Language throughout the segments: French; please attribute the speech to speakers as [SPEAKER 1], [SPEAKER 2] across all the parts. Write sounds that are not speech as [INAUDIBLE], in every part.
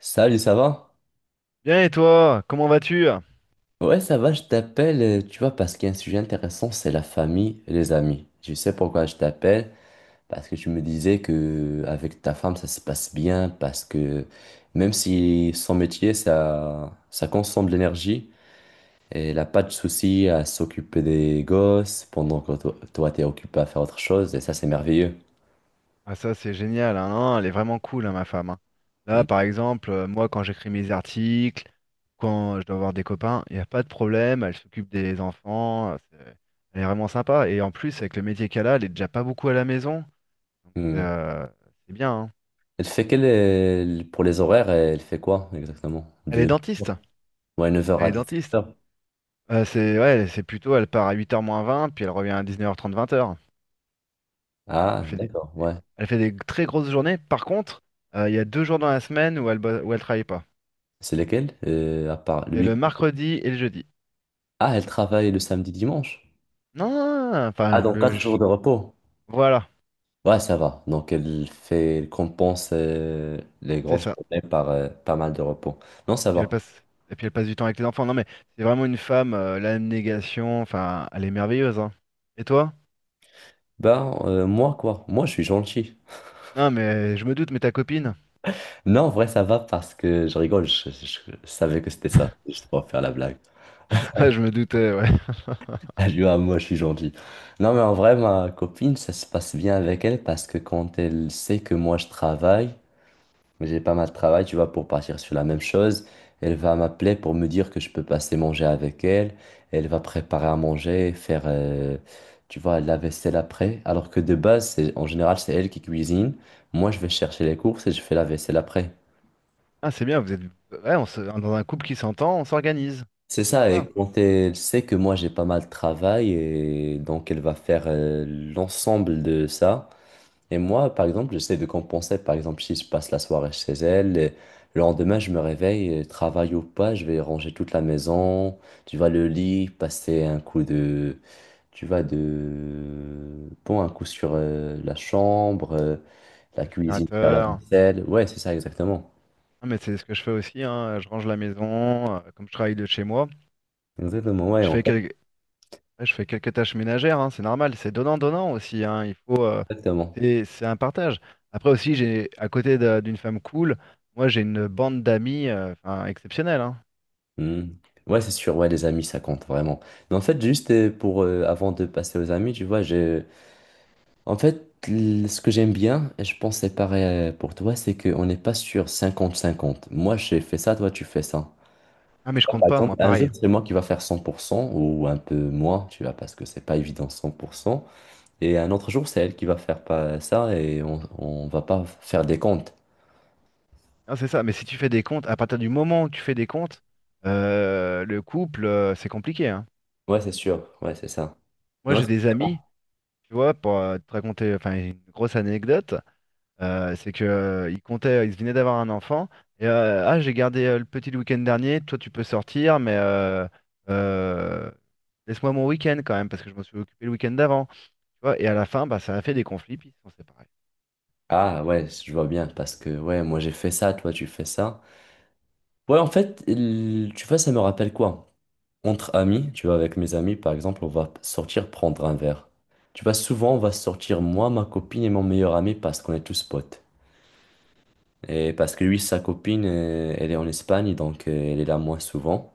[SPEAKER 1] Salut, ça va?
[SPEAKER 2] Bien et toi, comment vas-tu?
[SPEAKER 1] Ouais, ça va, je t'appelle, tu vois, parce qu'il y a un sujet intéressant, c'est la famille et les amis. Je sais pourquoi je t'appelle, parce que tu me disais que avec ta femme, ça se passe bien, parce que même si son métier, ça consomme de l'énergie, et elle n'a pas de souci à s'occuper des gosses pendant que toi, toi, t'es occupé à faire autre chose, et ça, c'est merveilleux.
[SPEAKER 2] Ah, ça c'est génial, hein, non, elle est vraiment cool, hein, ma femme, hein. Là
[SPEAKER 1] Mm.
[SPEAKER 2] par exemple, moi quand j'écris mes articles, quand je dois avoir des copains, il n'y a pas de problème, elle s'occupe des enfants, elle est vraiment sympa. Et en plus avec le métier qu'elle a, elle est déjà pas beaucoup à la maison, donc
[SPEAKER 1] Mm.
[SPEAKER 2] c'est bien, hein.
[SPEAKER 1] Elle fait pour les horaires, elle fait quoi exactement?
[SPEAKER 2] Elle est
[SPEAKER 1] De
[SPEAKER 2] dentiste,
[SPEAKER 1] Ouais, neuf heures
[SPEAKER 2] elle
[SPEAKER 1] à
[SPEAKER 2] est
[SPEAKER 1] 17
[SPEAKER 2] dentiste.
[SPEAKER 1] heures.
[SPEAKER 2] C'est, ouais, c'est plutôt, elle part à 8h moins 20, puis elle revient à 19h30, 20h.
[SPEAKER 1] Ah,
[SPEAKER 2] Elle fait des,
[SPEAKER 1] d'accord, ouais.
[SPEAKER 2] elle fait des très grosses journées. Par contre, il y a 2 jours dans la semaine où où elle travaille pas.
[SPEAKER 1] C'est lesquels, à part le
[SPEAKER 2] C'est le
[SPEAKER 1] week-end?
[SPEAKER 2] mercredi et le jeudi.
[SPEAKER 1] Ah, elle travaille le samedi, dimanche.
[SPEAKER 2] Non, non, non,
[SPEAKER 1] Ah,
[SPEAKER 2] enfin,
[SPEAKER 1] donc
[SPEAKER 2] le...
[SPEAKER 1] quatre jours
[SPEAKER 2] je-
[SPEAKER 1] de repos.
[SPEAKER 2] Voilà,
[SPEAKER 1] Ouais, ça va. Donc, elle compense les
[SPEAKER 2] c'est
[SPEAKER 1] grosses
[SPEAKER 2] ça.
[SPEAKER 1] journées par pas mal de repos. Non, ça
[SPEAKER 2] Puis elle
[SPEAKER 1] va.
[SPEAKER 2] passe... Et puis elle passe du temps avec les enfants. Non, mais c'est vraiment une femme, l'abnégation, enfin, elle est merveilleuse, hein. Et toi?
[SPEAKER 1] Ben, moi, quoi? Moi, je suis gentil.
[SPEAKER 2] Non, mais je me doute, mais ta copine?
[SPEAKER 1] Non, en vrai, ça va parce que je rigole. Je savais que c'était ça.
[SPEAKER 2] [LAUGHS]
[SPEAKER 1] Je pour faire la blague. [LAUGHS]
[SPEAKER 2] Ah, je me doutais, ouais.
[SPEAKER 1] Je dis, ah, moi, je suis gentil. Non, mais en vrai, ma copine, ça se passe bien avec elle parce que quand elle sait que moi, je travaille, mais j'ai pas mal de travail, tu vois, pour partir sur la même chose. Elle va m'appeler pour me dire que je peux passer manger avec elle. Elle va préparer à manger, faire, tu vois, la vaisselle après. Alors que de base, en général, c'est elle qui cuisine. Moi, je vais chercher les courses et je fais la vaisselle après.
[SPEAKER 2] Ah, c'est bien. Vous êtes ouais, on se- dans un couple qui s'entend, on s'organise.
[SPEAKER 1] C'est ça,
[SPEAKER 2] C'est
[SPEAKER 1] et
[SPEAKER 2] ça.
[SPEAKER 1] quand elle sait que moi j'ai pas mal de travail, et donc elle va faire l'ensemble de ça. Et moi, par exemple, j'essaie de compenser. Par exemple, si je passe la soirée chez elle, et le lendemain, je me réveille, et travail ou pas, je vais ranger toute la maison, tu vois, le lit, passer un coup de, tu vois, de, bon, un coup sur la chambre, la cuisine, faire la
[SPEAKER 2] L'aspirateur.
[SPEAKER 1] vaisselle. Ouais, c'est ça, exactement.
[SPEAKER 2] Ah, mais c'est ce que je fais aussi, hein. Je range la maison, comme je travaille de chez moi.
[SPEAKER 1] Exactement, ouais,
[SPEAKER 2] Je
[SPEAKER 1] en
[SPEAKER 2] fais
[SPEAKER 1] fait,
[SPEAKER 2] quel- Ouais, je fais quelques tâches ménagères, hein, c'est normal, c'est donnant-donnant aussi, hein, il faut,
[SPEAKER 1] exactement.
[SPEAKER 2] c'est un partage. Après aussi, j'ai d'une femme cool, moi j'ai une bande d'amis enfin, exceptionnelle, hein.
[SPEAKER 1] Hmm. Ouais, c'est sûr, ouais, les amis, ça compte vraiment. Mais en fait, juste pour, avant de passer aux amis, tu vois, j'ai. En fait, ce que j'aime bien, et je pense que c'est pareil pour toi, c'est qu'on n'est pas sur cinquante-cinquante. Moi, j'ai fait ça, toi, tu fais ça.
[SPEAKER 2] Ah mais
[SPEAKER 1] Tu
[SPEAKER 2] je
[SPEAKER 1] vois,
[SPEAKER 2] compte
[SPEAKER 1] par
[SPEAKER 2] pas,
[SPEAKER 1] exemple,
[SPEAKER 2] moi
[SPEAKER 1] un jour,
[SPEAKER 2] pareil.
[SPEAKER 1] c'est moi qui va faire 100% ou un peu moins, tu vois, parce que c'est pas évident 100%. Et un autre jour, c'est elle qui va faire pas ça et on va pas faire des comptes.
[SPEAKER 2] Non, c'est ça, mais si tu fais des comptes, à partir du moment où tu fais des comptes, le couple, c'est compliqué, hein.
[SPEAKER 1] Ouais, c'est sûr. Ouais, c'est ça.
[SPEAKER 2] Moi
[SPEAKER 1] Non,
[SPEAKER 2] j'ai
[SPEAKER 1] c'est
[SPEAKER 2] des amis,
[SPEAKER 1] différent.
[SPEAKER 2] tu vois, pour te raconter enfin, une grosse anecdote. C'est que il comptait, il venait d'avoir un enfant. Et, ah, j'ai gardé le petit le week-end dernier. Toi, tu peux sortir, mais euh, laisse-moi mon week-end quand même, parce que je m'en suis occupé le week-end d'avant. Tu vois, et à la fin, bah, ça a fait des conflits, puis ils se sont séparés.
[SPEAKER 1] Ah ouais, je vois bien parce que ouais, moi j'ai fait ça, toi tu fais ça. Ouais, en fait, tu vois, ça me rappelle quoi? Entre amis, tu vois, avec mes amis, par exemple, on va sortir prendre un verre. Tu vois, souvent, on va sortir moi, ma copine et mon meilleur ami parce qu'on est tous potes. Et parce que lui, sa copine, elle est en Espagne, donc elle est là moins souvent.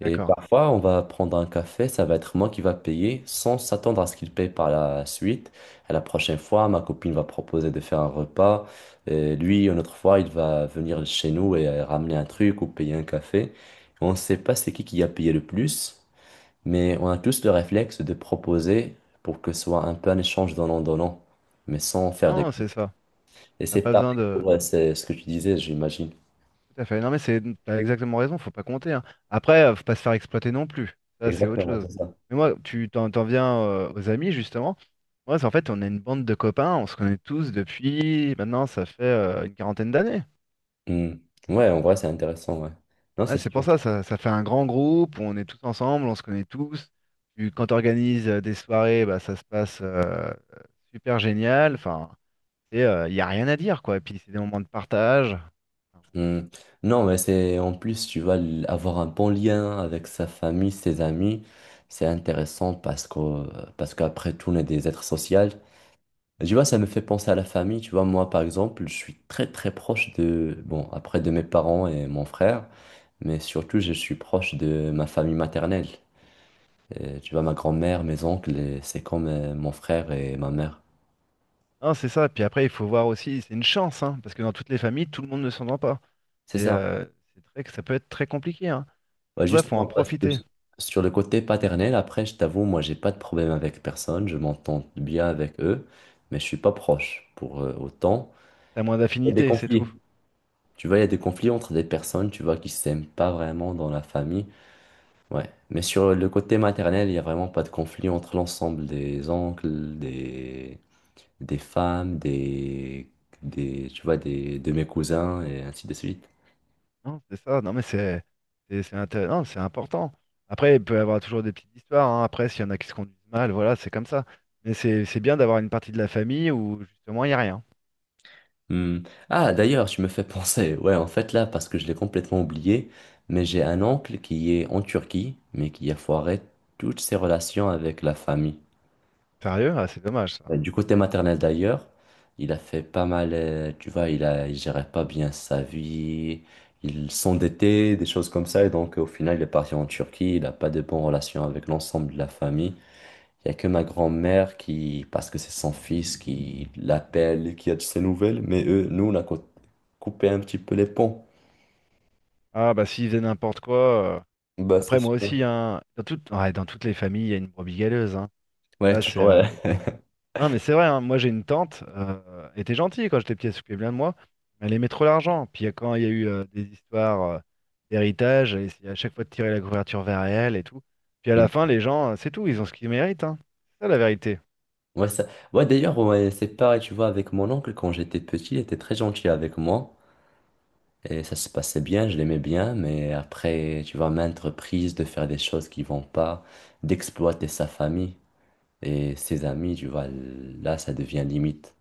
[SPEAKER 1] Et
[SPEAKER 2] D'accord.
[SPEAKER 1] parfois, on va prendre un café, ça va être moi qui va payer sans s'attendre à ce qu'il paye par la suite. À la prochaine fois, ma copine va proposer de faire un repas. Et lui, une autre fois, il va venir chez nous et ramener un truc ou payer un café. On ne sait pas c'est qui a payé le plus. Mais on a tous le réflexe de proposer pour que ce soit un peu un échange donnant-donnant, mais sans faire des.
[SPEAKER 2] Non, c'est ça.
[SPEAKER 1] Et
[SPEAKER 2] T'as
[SPEAKER 1] c'est
[SPEAKER 2] pas besoin
[SPEAKER 1] pareil
[SPEAKER 2] de.
[SPEAKER 1] pour c'est ce que tu disais, j'imagine.
[SPEAKER 2] Tout à fait. Non, mais t'as exactement raison, faut pas compter, hein. Après, faut pas se faire exploiter non plus. Ça, c'est autre
[SPEAKER 1] Exactement,
[SPEAKER 2] chose.
[SPEAKER 1] c'est ça.
[SPEAKER 2] Mais moi, tu t'en viens aux amis, justement. Moi, en fait, on est une bande de copains, on se connaît tous depuis maintenant, ça fait une quarantaine d'années.
[SPEAKER 1] Hmm. Ouais, en vrai, c'est intéressant, ouais. Non,
[SPEAKER 2] Ouais,
[SPEAKER 1] c'est
[SPEAKER 2] c'est pour
[SPEAKER 1] sûr.
[SPEAKER 2] ça, ça fait un grand groupe, on est tous ensemble, on se connaît tous. Quand tu organises des soirées, bah, ça se passe super génial. Enfin, il n'y a rien à dire, quoi. Et puis, c'est des moments de partage.
[SPEAKER 1] Hmm. Non, mais c'est en plus, tu vas avoir un bon lien avec sa famille, ses amis. C'est intéressant parce qu'après tout, on est des êtres sociaux. Tu vois, ça me fait penser à la famille. Tu vois, moi, par exemple, je suis très, très proche de, bon, après de mes parents et mon frère, mais surtout, je suis proche de ma famille maternelle. Tu vois, ma grand-mère, mes oncles, et c'est comme mon frère et ma mère.
[SPEAKER 2] Non, c'est ça. Puis après, il faut voir aussi, c'est une chance, hein, parce que dans toutes les familles, tout le monde ne s'entend pas.
[SPEAKER 1] C'est
[SPEAKER 2] C'est
[SPEAKER 1] ça.
[SPEAKER 2] euh, c'est très, ça peut être très compliqué, hein.
[SPEAKER 1] Ouais,
[SPEAKER 2] Pour ça, faut
[SPEAKER 1] justement,
[SPEAKER 2] en
[SPEAKER 1] parce que
[SPEAKER 2] profiter.
[SPEAKER 1] sur le côté paternel, après, je t'avoue, moi, j'ai pas de problème avec personne. Je m'entends bien avec eux, mais je suis pas proche pour autant.
[SPEAKER 2] T'as moins
[SPEAKER 1] Il y a des
[SPEAKER 2] d'affinité, c'est tout.
[SPEAKER 1] conflits. Tu vois, il y a des conflits entre des personnes, tu vois, qui s'aiment pas vraiment dans la famille. Ouais. Mais sur le côté maternel, il n'y a vraiment pas de conflit entre l'ensemble des oncles, des femmes, tu vois, de mes cousins et ainsi de suite.
[SPEAKER 2] Non, c'est ça. Non, mais non, c'est important. Après, il peut y avoir toujours des petites histoires, hein. Après, s'il y en a qui se conduisent mal, voilà, c'est comme ça. Mais c'est bien d'avoir une partie de la famille où justement il n'y a rien.
[SPEAKER 1] Hmm. Ah, d'ailleurs, tu me fais penser. Ouais, en fait, là, parce que je l'ai complètement oublié, mais j'ai un oncle qui est en Turquie, mais qui a foiré toutes ses relations avec la famille.
[SPEAKER 2] Sérieux? Ah, c'est dommage ça.
[SPEAKER 1] Du côté maternel d'ailleurs, il a fait pas mal, tu vois, il gérait pas bien sa vie, il s'endettait, des choses comme ça, et donc au final il est parti en Turquie, il n'a pas de bonnes relations avec l'ensemble de la famille. Il n'y a que ma grand-mère qui, parce que c'est son fils, qui l'appelle, qui a de ses nouvelles, mais eux, nous, on a coupé un petit peu les ponts.
[SPEAKER 2] Ah bah s'ils faisaient n'importe quoi. euh,
[SPEAKER 1] Bah c'est
[SPEAKER 2] Après moi
[SPEAKER 1] sûr.
[SPEAKER 2] aussi, hein, dans toutes, ouais, dans toutes les familles, il y a une brebis galeuse, hein.
[SPEAKER 1] Ouais,
[SPEAKER 2] Ça, c'est
[SPEAKER 1] toujours. Ouais.
[SPEAKER 2] Non, mais c'est vrai, hein, moi j'ai une tante, elle était gentille quand j'étais petit, elle s'occupait bien de moi, mais elle aimait trop l'argent. Puis, quand il y a eu des histoires d'héritage, elle essayait à chaque fois de tirer la couverture vers elle et tout. Puis à la
[SPEAKER 1] Mm.
[SPEAKER 2] fin, les gens, c'est tout, ils ont ce qu'ils méritent, hein. C'est ça la vérité.
[SPEAKER 1] Ouais, ouais, d'ailleurs, ouais, c'est pareil, tu vois, avec mon oncle, quand j'étais petit, il était très gentil avec moi. Et ça se passait bien, je l'aimais bien, mais après, tu vois, maintes reprises de faire des choses qui vont pas, d'exploiter sa famille et ses amis, tu vois, là, ça devient limite.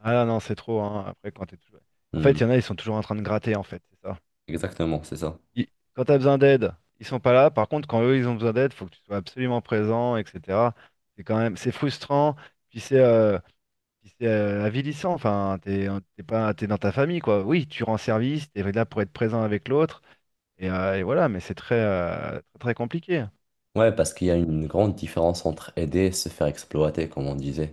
[SPEAKER 2] Ah non, c'est trop, hein, après quand t'es toujours... En fait,
[SPEAKER 1] Hmm.
[SPEAKER 2] il y en a, ils sont toujours en train de gratter, en fait, c'est ça.
[SPEAKER 1] Exactement, c'est ça.
[SPEAKER 2] Ils- Quand t'as besoin d'aide, ils sont pas là. Par contre, quand eux, ils ont besoin d'aide, faut que tu sois absolument présent, etc. C'est quand même, c'est frustrant. Puis c'est... euh, Puis c'est avilissant, enfin, t'es pas, t'es dans ta famille, quoi. Oui, tu rends service, t'es là pour être présent avec l'autre, et voilà, mais c'est très, très compliqué.
[SPEAKER 1] Ouais, parce qu'il y a
[SPEAKER 2] Et,
[SPEAKER 1] une grande différence entre aider et se faire exploiter, comme on disait.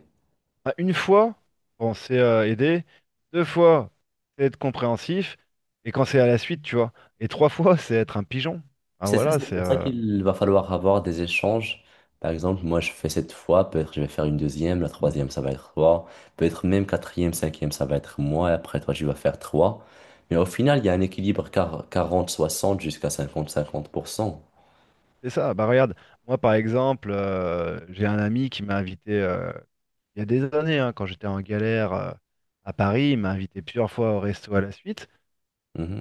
[SPEAKER 2] bah, une fois, bon, c'est aider, 2 fois, c'est être compréhensif, et quand c'est à la suite, tu vois, et 3 fois, [LAUGHS] c'est être un pigeon. Ah
[SPEAKER 1] C'est ça,
[SPEAKER 2] voilà,
[SPEAKER 1] c'est pour ça qu'il va falloir avoir des échanges. Par exemple, moi, je fais cette fois, peut-être je vais faire une deuxième, la troisième, ça va être toi, peut-être même quatrième, cinquième, ça va être moi, et après toi, tu vas faire trois. Mais au final, il y a un équilibre 40-60 jusqu'à 50-50%.
[SPEAKER 2] c'est ça. Bah regarde, moi par exemple, j'ai un ami qui m'a invité il y a des années, hein, quand j'étais en galère à Paris, il m'a invité plusieurs fois au resto à la suite.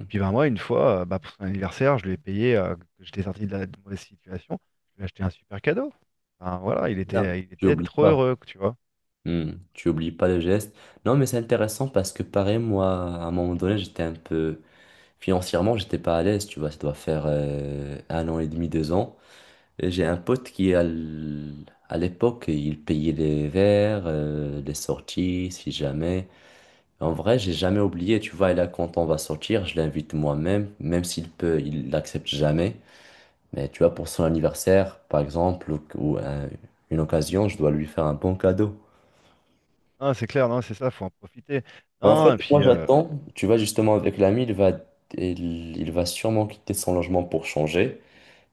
[SPEAKER 2] Et puis ben moi, une fois, bah, pour son anniversaire, je lui ai payé, que j'étais sorti de mauvaise situation, je lui ai acheté un super cadeau. Enfin, voilà, il
[SPEAKER 1] Bien.
[SPEAKER 2] était, il
[SPEAKER 1] Tu
[SPEAKER 2] était
[SPEAKER 1] n'oublies
[SPEAKER 2] trop
[SPEAKER 1] pas.
[SPEAKER 2] heureux, tu vois.
[SPEAKER 1] Hmm. Tu oublies pas le geste. Non, mais c'est intéressant parce que pareil, moi, à un moment donné, j'étais un peu. Financièrement, j'étais pas à l'aise, tu vois, ça doit faire un an et demi, deux ans. J'ai un pote qui, à l'époque, il payait les verres, les sorties, si jamais. En vrai, j'ai jamais oublié, tu vois, et là, quand on va sortir, je l'invite moi-même, même s'il peut, il l'accepte jamais. Mais tu vois, pour son anniversaire, par exemple, une occasion, je dois lui faire un bon cadeau.
[SPEAKER 2] Non, c'est clair, non, c'est ça, faut en profiter.
[SPEAKER 1] En
[SPEAKER 2] Non,
[SPEAKER 1] fait,
[SPEAKER 2] et
[SPEAKER 1] moi,
[SPEAKER 2] puis.
[SPEAKER 1] j'attends, tu vois, justement, avec l'ami, il va sûrement quitter son logement pour changer.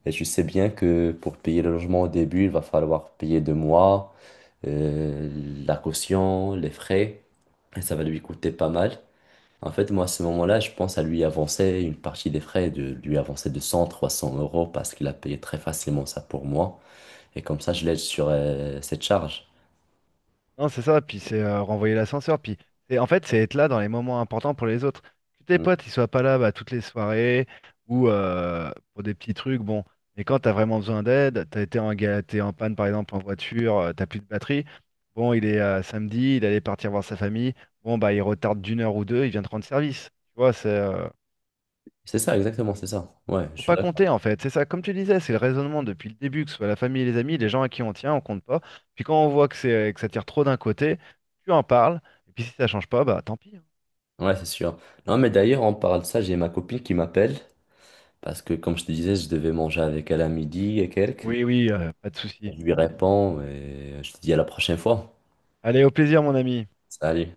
[SPEAKER 1] Et tu sais bien que pour payer le logement au début, il va falloir payer deux mois. La caution, les frais, et ça va lui coûter pas mal. En fait, moi, à ce moment-là, je pense à lui avancer une partie des frais, de lui avancer de 100, 300 € parce qu'il a payé très facilement ça pour moi. Et comme ça, je l'aide sur cette charge.
[SPEAKER 2] Non, c'est ça, puis c'est renvoyer l'ascenseur, puis c'est en fait c'est être là dans les moments importants pour les autres. Que tes
[SPEAKER 1] Mm.
[SPEAKER 2] potes ils soient pas là bah, toutes les soirées ou pour des petits trucs, bon, mais quand t'as vraiment besoin d'aide, t'as été en galère, t'es en panne par exemple en voiture, t'as plus de batterie, bon il est samedi, il allait partir voir sa famille, bon bah il retarde d'une heure ou deux, il vient te rendre service. Tu vois, c'est
[SPEAKER 1] C'est ça, exactement, c'est ça. Ouais, je
[SPEAKER 2] faut
[SPEAKER 1] suis
[SPEAKER 2] pas
[SPEAKER 1] d'accord.
[SPEAKER 2] compter en fait, c'est ça, comme tu disais, c'est le raisonnement depuis le début, que ce soit la famille et les amis, les gens à qui on tient, on compte pas. Puis quand on voit que c'est que ça tire trop d'un côté, tu en parles, et puis si ça change pas, bah tant pis, hein.
[SPEAKER 1] Ouais, c'est sûr. Non, mais d'ailleurs, on parle de ça, j'ai ma copine qui m'appelle parce que, comme je te disais, je devais manger avec elle à midi et quelques.
[SPEAKER 2] Oui, oui, pas de souci.
[SPEAKER 1] Je lui réponds et je te dis à la prochaine fois.
[SPEAKER 2] Allez, au plaisir mon ami.
[SPEAKER 1] Salut.